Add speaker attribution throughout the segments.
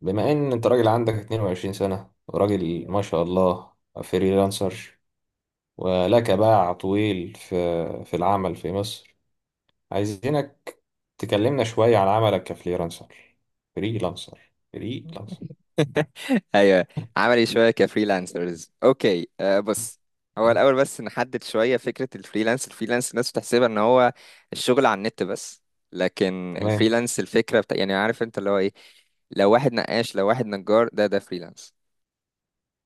Speaker 1: بما ان انت راجل عندك 22 سنة، وراجل ما شاء الله فريلانسر، ولك باع طويل في العمل في مصر. عايزينك تكلمنا شوية عن عملك كفريلانسر فريلانسر.
Speaker 2: ايوه. عملي شويه كفريلانسرز. اوكي، بص، هو الاول بس نحدد شويه فكره الفريلانس الناس بتحسبها ان هو الشغل على النت بس، لكن
Speaker 1: تمام.
Speaker 2: الفريلانس الفكره يعني عارف انت اللي هو ايه. لو واحد نقاش، لو واحد نجار، ده فريلانس.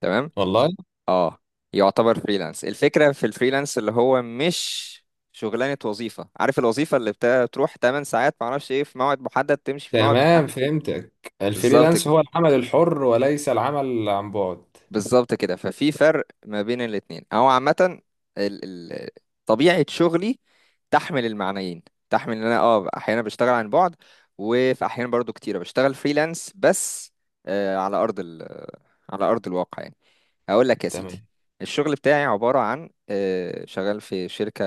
Speaker 2: تمام،
Speaker 1: والله.
Speaker 2: اه يعتبر فريلانس. الفكره في الفريلانس اللي هو مش شغلانه وظيفه، عارف الوظيفه اللي بتروح 8 ساعات، معرفش ايه، في موعد محدد تمشي في موعد محدد.
Speaker 1: تمام فهمتك.
Speaker 2: بالظبط
Speaker 1: الفريلانس
Speaker 2: كده،
Speaker 1: هو العمل الحر وليس العمل عن بعد.
Speaker 2: بالظبط كده، ففي فرق ما بين الاتنين او عامة. ال- ال- طبيعة شغلي تحمل المعنيين، تحمل ان انا احيانا بشتغل عن بعد، وفي احيانا برضو كتيرة بشتغل فريلانس بس. آه على ارض ال على ارض الواقع يعني. هقول لك يا
Speaker 1: تمام.
Speaker 2: سيدي، الشغل بتاعي عبارة عن شغال في شركة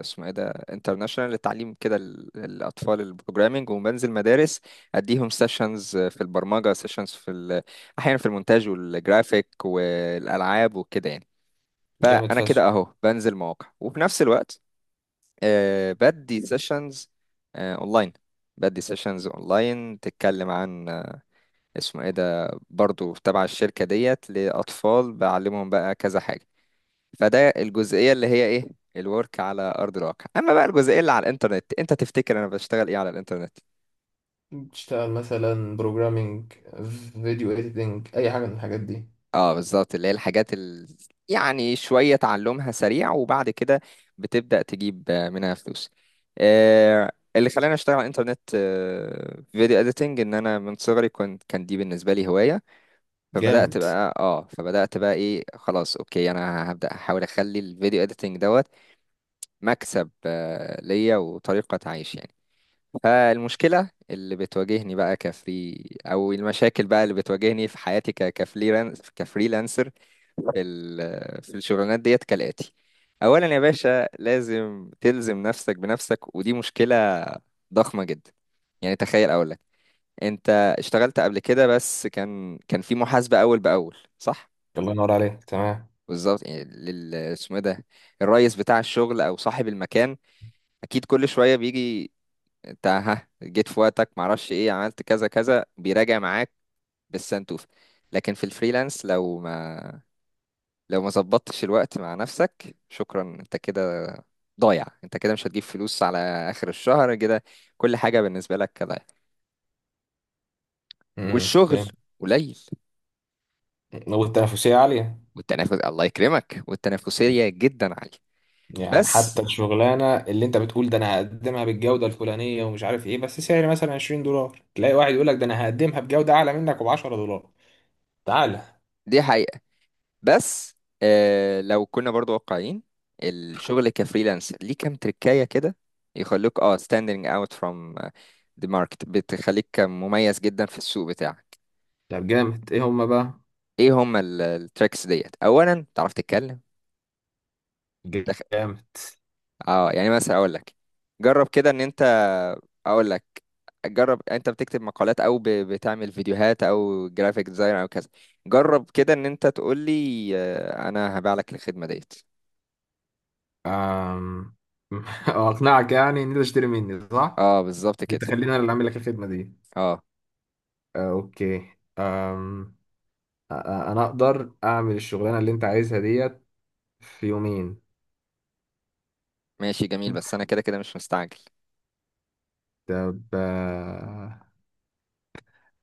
Speaker 2: اسمه ايه ده انترناشونال للتعليم كده، الأطفال البروجرامينج، وبنزل مدارس أديهم سيشنز في البرمجة، سيشنز في أحيانا في المونتاج والجرافيك والألعاب وكده يعني.
Speaker 1: جامد
Speaker 2: فأنا
Speaker 1: فشخ.
Speaker 2: كده أهو بنزل مواقع، وفي نفس الوقت بدي سيشنز أونلاين، بدي سيشنز أونلاين تتكلم عن اسمه ايه ده، برضو تبع الشركة ديت، لأطفال بعلمهم بقى كذا حاجة. فده الجزئية اللي هي ايه، الورك على أرض الواقع. أما بقى الجزئية اللي على الإنترنت، أنت تفتكر أنا بشتغل ايه على الإنترنت؟
Speaker 1: تشتغل مثلا بروجرامينج، فيديو اديتنج، اي حاجه من الحاجات دي.
Speaker 2: اه بالظبط، اللي هي الحاجات يعني شوية تعلمها سريع وبعد كده بتبدأ تجيب منها فلوس. اللي خلاني أشتغل على الإنترنت، فيديو إديتنج، إن أنا من صغري كان دي بالنسبة لي هواية. فبدأت
Speaker 1: جامد.
Speaker 2: بقى اه فبدأت بقى ايه، خلاص اوكي أنا هبدأ أحاول أخلي الفيديو إديتنج دوت مكسب ليا وطريقة عيش يعني. فالمشكلة اللي بتواجهني بقى أو المشاكل بقى اللي بتواجهني في حياتي كفريلانسر في الشغلانات ديت كالآتي: أولا يا باشا، لازم تلزم نفسك بنفسك، ودي مشكلة ضخمة جدا. يعني تخيل أقول لك، أنت اشتغلت قبل كده بس كان في محاسبة أول بأول، صح؟
Speaker 1: الله ينور عليك. تمام.
Speaker 2: بالظبط، يعني لل اسمه إيه ده، الرئيس بتاع الشغل أو صاحب المكان، أكيد كل شوية بيجي، انت ها جيت في وقتك، معرفش ايه، عملت كذا كذا، بيراجع معاك بالسنتوفة. لكن في الفريلانس لو ما ظبطتش الوقت مع نفسك، شكرا، انت كده ضايع، انت كده مش هتجيب فلوس على اخر الشهر كده، كل حاجة بالنسبة لك ضايع. والشغل
Speaker 1: فاهم.
Speaker 2: قليل،
Speaker 1: والتنافسية عالية.
Speaker 2: والتنافس الله يكرمك، والتنافسية جدا عالية.
Speaker 1: يعني
Speaker 2: بس
Speaker 1: حتى الشغلانة اللي انت بتقول ده انا هقدمها بالجودة الفلانية ومش عارف ايه، بس سعر مثلا 20 دولار تلاقي واحد يقول لك ده انا هقدمها بجودة اعلى منك وب 10 دولار. تعالى.
Speaker 2: دي حقيقة. بس لو كنا برضو واقعيين، الشغل كفريلانس ليه كام تركاية كده يخلوك اه standing out from آه، the market، بتخليك مميز جدا في السوق بتاعك.
Speaker 1: طب جامد، ايه هما بقى؟
Speaker 2: ايه هم التريكس ديت؟ اولا تعرف تتكلم تخ...
Speaker 1: جامد.
Speaker 2: اه يعني مثلا اقول لك، جرب كده ان انت، اقول لك، جرب انت بتكتب مقالات او بتعمل فيديوهات او جرافيك ديزاين او كذا، جرب كده ان انت تقول لي انا هبيع لك الخدمة ديت.
Speaker 1: أم... اقنعك يعني ان انت تشتري مني صح؟
Speaker 2: اه بالظبط
Speaker 1: انت
Speaker 2: كده.
Speaker 1: خليني انا اللي اعمل لك الخدمة دي.
Speaker 2: اه
Speaker 1: آه، اوكي. أم... انا اقدر اعمل الشغلانة اللي انت عايزها ديت في يومين.
Speaker 2: ماشي جميل، بس انا كده كده مش مستعجل.
Speaker 1: طب.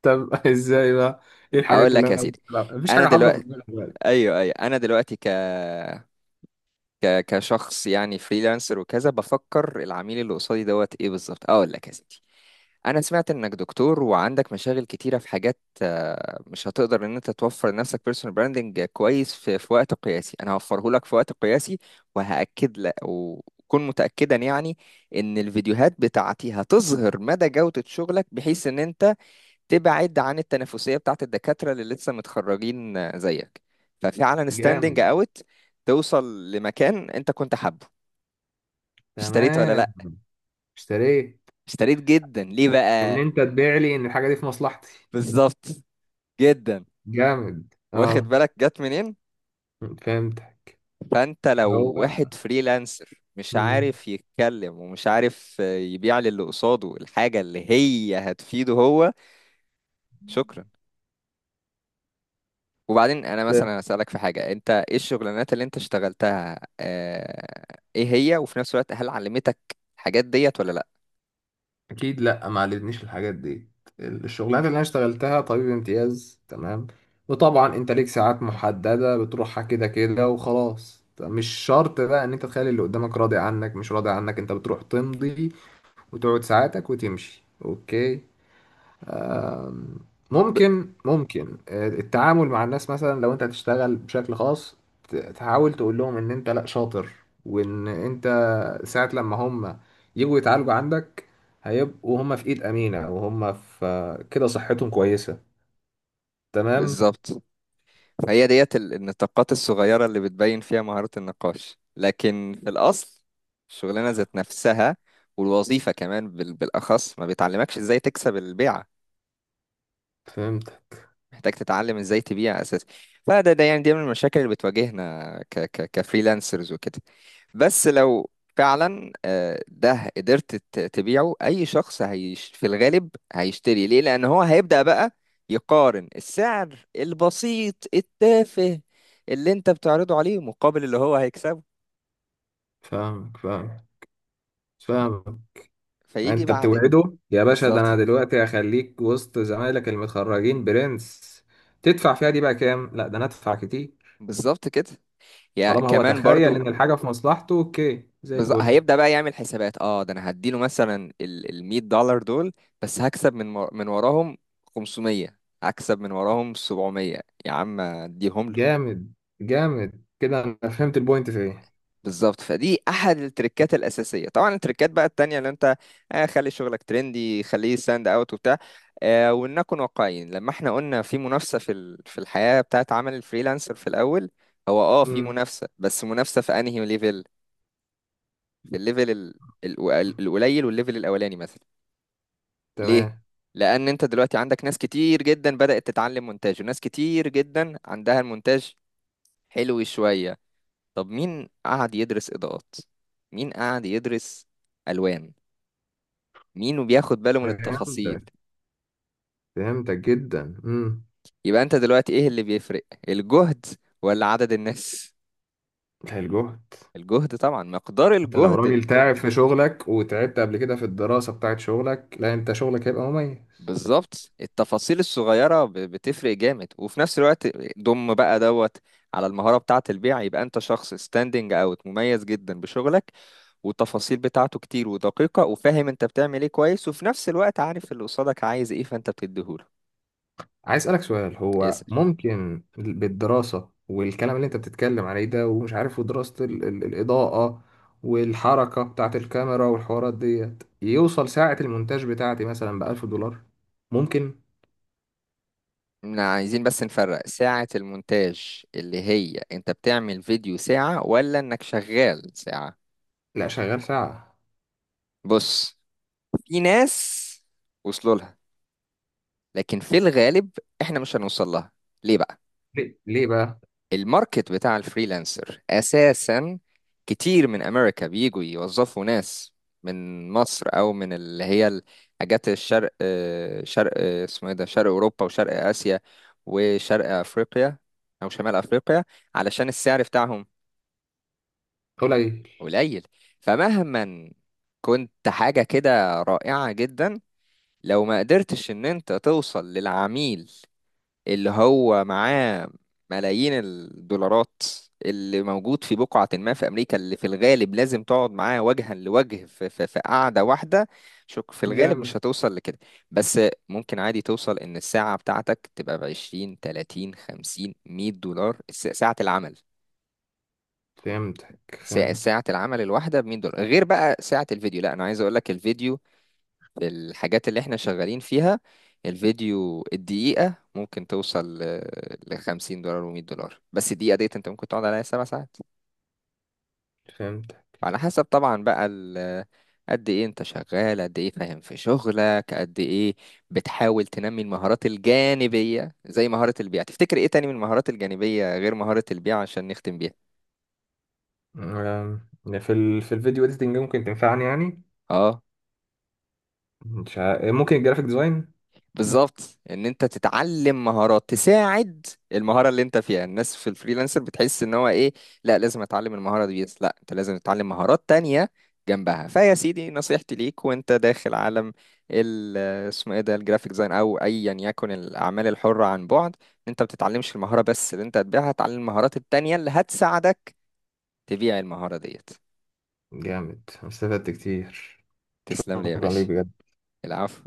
Speaker 1: طب ازاي بقى؟ ايه
Speaker 2: اقول
Speaker 1: الحاجات اللي
Speaker 2: لك يا
Speaker 1: انا
Speaker 2: سيدي،
Speaker 1: ممكن العبها؟ مفيش
Speaker 2: انا
Speaker 1: حاجه حاضره في
Speaker 2: دلوقتي،
Speaker 1: دماغي دلوقتي.
Speaker 2: ايوه، ايوه، انا دلوقتي ك ك كشخص يعني فريلانسر وكذا، بفكر العميل اللي قصادي دوت ايه بالظبط. اقول لك يا سيدي، انا سمعت انك دكتور وعندك مشاغل كتيره في حاجات، مش هتقدر ان انت توفر لنفسك بيرسونال براندنج كويس في وقت قياسي، انا هوفره لك في وقت قياسي. وهاكد لك، وكن متاكدا يعني ان الفيديوهات بتاعتي هتظهر مدى جوده شغلك، بحيث ان انت تبعد عن التنافسية بتاعت الدكاترة اللي لسه متخرجين زيك، ففعلا ستاندنج
Speaker 1: جامد.
Speaker 2: اوت، توصل لمكان انت كنت حابه. اشتريت ولا
Speaker 1: تمام.
Speaker 2: لا؟
Speaker 1: اشتريت.
Speaker 2: اشتريت جدا. ليه
Speaker 1: ان
Speaker 2: بقى؟
Speaker 1: انت تبيع لي ان الحاجه دي في مصلحتي.
Speaker 2: بالظبط. جدا.
Speaker 1: جامد
Speaker 2: واخد
Speaker 1: اه.
Speaker 2: بالك جت منين؟
Speaker 1: فهمت.
Speaker 2: فانت لو
Speaker 1: هو.
Speaker 2: واحد فريلانسر مش
Speaker 1: مم.
Speaker 2: عارف يتكلم، ومش عارف يبيع للي قصاده الحاجة اللي هي هتفيده هو، شكرا. وبعدين انا
Speaker 1: فهمت.
Speaker 2: مثلا اسالك في حاجه، انت ايه الشغلانات اللي انت اشتغلتها، ايه هي، وفي نفس الوقت هل علمتك الحاجات ديت ولا لا؟
Speaker 1: اكيد لا، ما علمتنيش الحاجات دي. الشغلانات اللي انا اشتغلتها طبيب امتياز. تمام. وطبعا انت ليك ساعات محدده بتروحها كده كده وخلاص. مش شرط بقى ان انت تخلي اللي قدامك راضي عنك مش راضي عنك. انت بتروح تمضي وتقعد ساعاتك وتمشي. اوكي.
Speaker 2: ب-
Speaker 1: ممكن، التعامل مع الناس مثلا لو انت هتشتغل بشكل خاص تحاول تقول لهم ان انت لا شاطر، وان انت ساعة لما هم يجوا يتعالجوا عندك هيبقوا هم في ايد امينة وهم في كده صحتهم كويسة. تمام.
Speaker 2: بالظبط. فهي ديت النطاقات الصغيره اللي بتبين فيها مهاره النقاش، لكن في الاصل الشغلانه ذات نفسها والوظيفه كمان بال- بالاخص ما بتعلمكش ازاي تكسب البيعه،
Speaker 1: فهمت.
Speaker 2: محتاج تتعلم ازاي تبيع اساسا. فده ده يعني، دي من المشاكل اللي بتواجهنا ك ك كفريلانسرز وكده. بس لو فعلا ده قدرت تبيعه اي شخص هيش، في الغالب هيشتري ليه، لان هو هيبدأ بقى يقارن السعر البسيط التافه اللي انت بتعرضه عليه مقابل اللي هو هيكسبه.
Speaker 1: فاهمك، فاهمك. فاهمك.
Speaker 2: فيجي
Speaker 1: انت
Speaker 2: بعدك
Speaker 1: بتوعده يا باشا، ده
Speaker 2: بالظبط.
Speaker 1: انا دلوقتي هخليك وسط زمايلك المتخرجين برنس. تدفع فيها دي بقى كام؟ لا، ده انا ادفع كتير.
Speaker 2: بالظبط كده. يعني
Speaker 1: طالما هو
Speaker 2: كمان
Speaker 1: تخيل
Speaker 2: برضو
Speaker 1: ان الحاجه في مصلحته، اوكي زي الفل.
Speaker 2: هيبدأ بقى يعمل حسابات، اه ده انا هديله مثلا ال 100 دولار دول، بس هكسب من وراهم 500، هكسب من وراهم 700، يا عم اديهم له.
Speaker 1: جامد. جامد كده، انا فهمت البوينت في ايه.
Speaker 2: بالظبط. فدي احد التريكات الاساسيه. طبعا التريكات بقى التانية اللي انت، خلي شغلك ترندي، خليه ستاند اوت وبتاع. ولنكن واقعيين، لما احنا قلنا في منافسه في ال... في الحياه بتاعت عمل الفريلانسر في الاول، هو اه في
Speaker 1: امم.
Speaker 2: منافسه، بس منافسه في انهي ليفل؟ في الليفل القليل والليفل الاولاني مثلا. ليه؟
Speaker 1: تمام.
Speaker 2: لأن أنت دلوقتي عندك ناس كتير جدا بدأت تتعلم مونتاج، وناس كتير جدا عندها المونتاج حلو شوية. طب مين قعد يدرس إضاءات؟ مين قعد يدرس ألوان؟ مين بياخد باله من التفاصيل؟
Speaker 1: فهمتك، فهمتك جدا. امم.
Speaker 2: يبقى أنت دلوقتي إيه اللي بيفرق؟ الجهد ولا عدد الناس؟
Speaker 1: الجهد.
Speaker 2: الجهد طبعا، مقدار
Speaker 1: انت لو راجل
Speaker 2: الجهد.
Speaker 1: تعب في شغلك وتعبت قبل كده في الدراسه بتاعت شغلك، لا انت شغلك هيبقى مميز.
Speaker 2: بالظبط، التفاصيل الصغيرة بتفرق جامد. وفي نفس الوقت ضم بقى دوت على المهارة بتاعة البيع، يبقى انت شخص ستاندنج اوت مميز جدا بشغلك، والتفاصيل بتاعته كتير ودقيقة، وفاهم انت بتعمل ايه كويس، وفي نفس الوقت عارف اللي قصادك عايز ايه فانت بتديهوله.
Speaker 1: عايز اسالك سؤال. هو
Speaker 2: يسأل،
Speaker 1: ممكن بالدراسه والكلام اللي انت بتتكلم عليه ده ومش عارف ودراسه الاضاءه والحركه بتاعه الكاميرا والحوارات ديت، يوصل ساعه المونتاج بتاعتي مثلا ب 1000 دولار؟ ممكن.
Speaker 2: احنا عايزين بس نفرق ساعة المونتاج، اللي هي انت بتعمل فيديو ساعة ولا انك شغال ساعة؟
Speaker 1: لا شغال ساعه.
Speaker 2: بص، في ناس وصلوا لها، لكن في الغالب احنا مش هنوصل لها. ليه بقى؟
Speaker 1: ليه ليه بقى؟
Speaker 2: الماركت بتاع الفريلانسر اساسا كتير من امريكا بيجوا يوظفوا ناس من مصر او من اللي هي حاجات الشرق، شرق، اسمه ايه ده، شرق اوروبا وشرق اسيا وشرق افريقيا او شمال افريقيا، علشان السعر بتاعهم
Speaker 1: قليل.
Speaker 2: قليل. فمهما كنت حاجة كده رائعة جدا، لو ما قدرتش ان انت توصل للعميل اللي هو معاه ملايين الدولارات اللي موجود في بقعة ما في أمريكا، اللي في الغالب لازم تقعد معاه وجها لوجه في, قعدة واحدة، شك في الغالب
Speaker 1: جامد.
Speaker 2: مش هتوصل لكده. بس ممكن عادي توصل إن الساعة بتاعتك تبقى بعشرين 30 50 100 دولار، ساعة العمل.
Speaker 1: فهمتك،
Speaker 2: ساعة
Speaker 1: فهمتك،
Speaker 2: ساعة العمل الواحدة بمية دولار، غير بقى ساعة الفيديو. لا أنا عايز أقول لك الفيديو، الحاجات اللي احنا شغالين فيها، الفيديو الدقيقة ممكن توصل ل 50 دولار و100 دولار، بس الدقيقة ديت انت ممكن تقعد عليها 7 ساعات.
Speaker 1: فهمتك.
Speaker 2: على حسب طبعا بقى قد ايه انت شغال، قد ايه فاهم في شغلك، قد ايه بتحاول تنمي المهارات الجانبية زي مهارة البيع. تفتكر ايه تاني من المهارات الجانبية غير مهارة البيع، عشان نختم بيها؟
Speaker 1: يعني في في الفيديو اديتنج ممكن تنفعني يعني.
Speaker 2: اه
Speaker 1: مش ع... ممكن الجرافيك ديزاين.
Speaker 2: بالظبط، ان انت تتعلم مهارات تساعد المهاره اللي انت فيها. الناس في الفريلانسر بتحس ان هو ايه، لا لازم اتعلم المهاره دي بس، لا انت لازم تتعلم مهارات تانية جنبها. فيا سيدي، نصيحتي ليك وانت داخل عالم ال اسمه ايه ده الجرافيك ديزاين، او ايا يكن الاعمال الحره عن بعد، إن انت ما بتتعلمش المهاره بس اللي انت هتبيعها، تتعلم المهارات التانية اللي هتساعدك تبيع المهاره ديت.
Speaker 1: جامد، استفدت كتير.
Speaker 2: تسلم لي يا
Speaker 1: شكرا ليك
Speaker 2: باشا.
Speaker 1: بجد.
Speaker 2: العفو.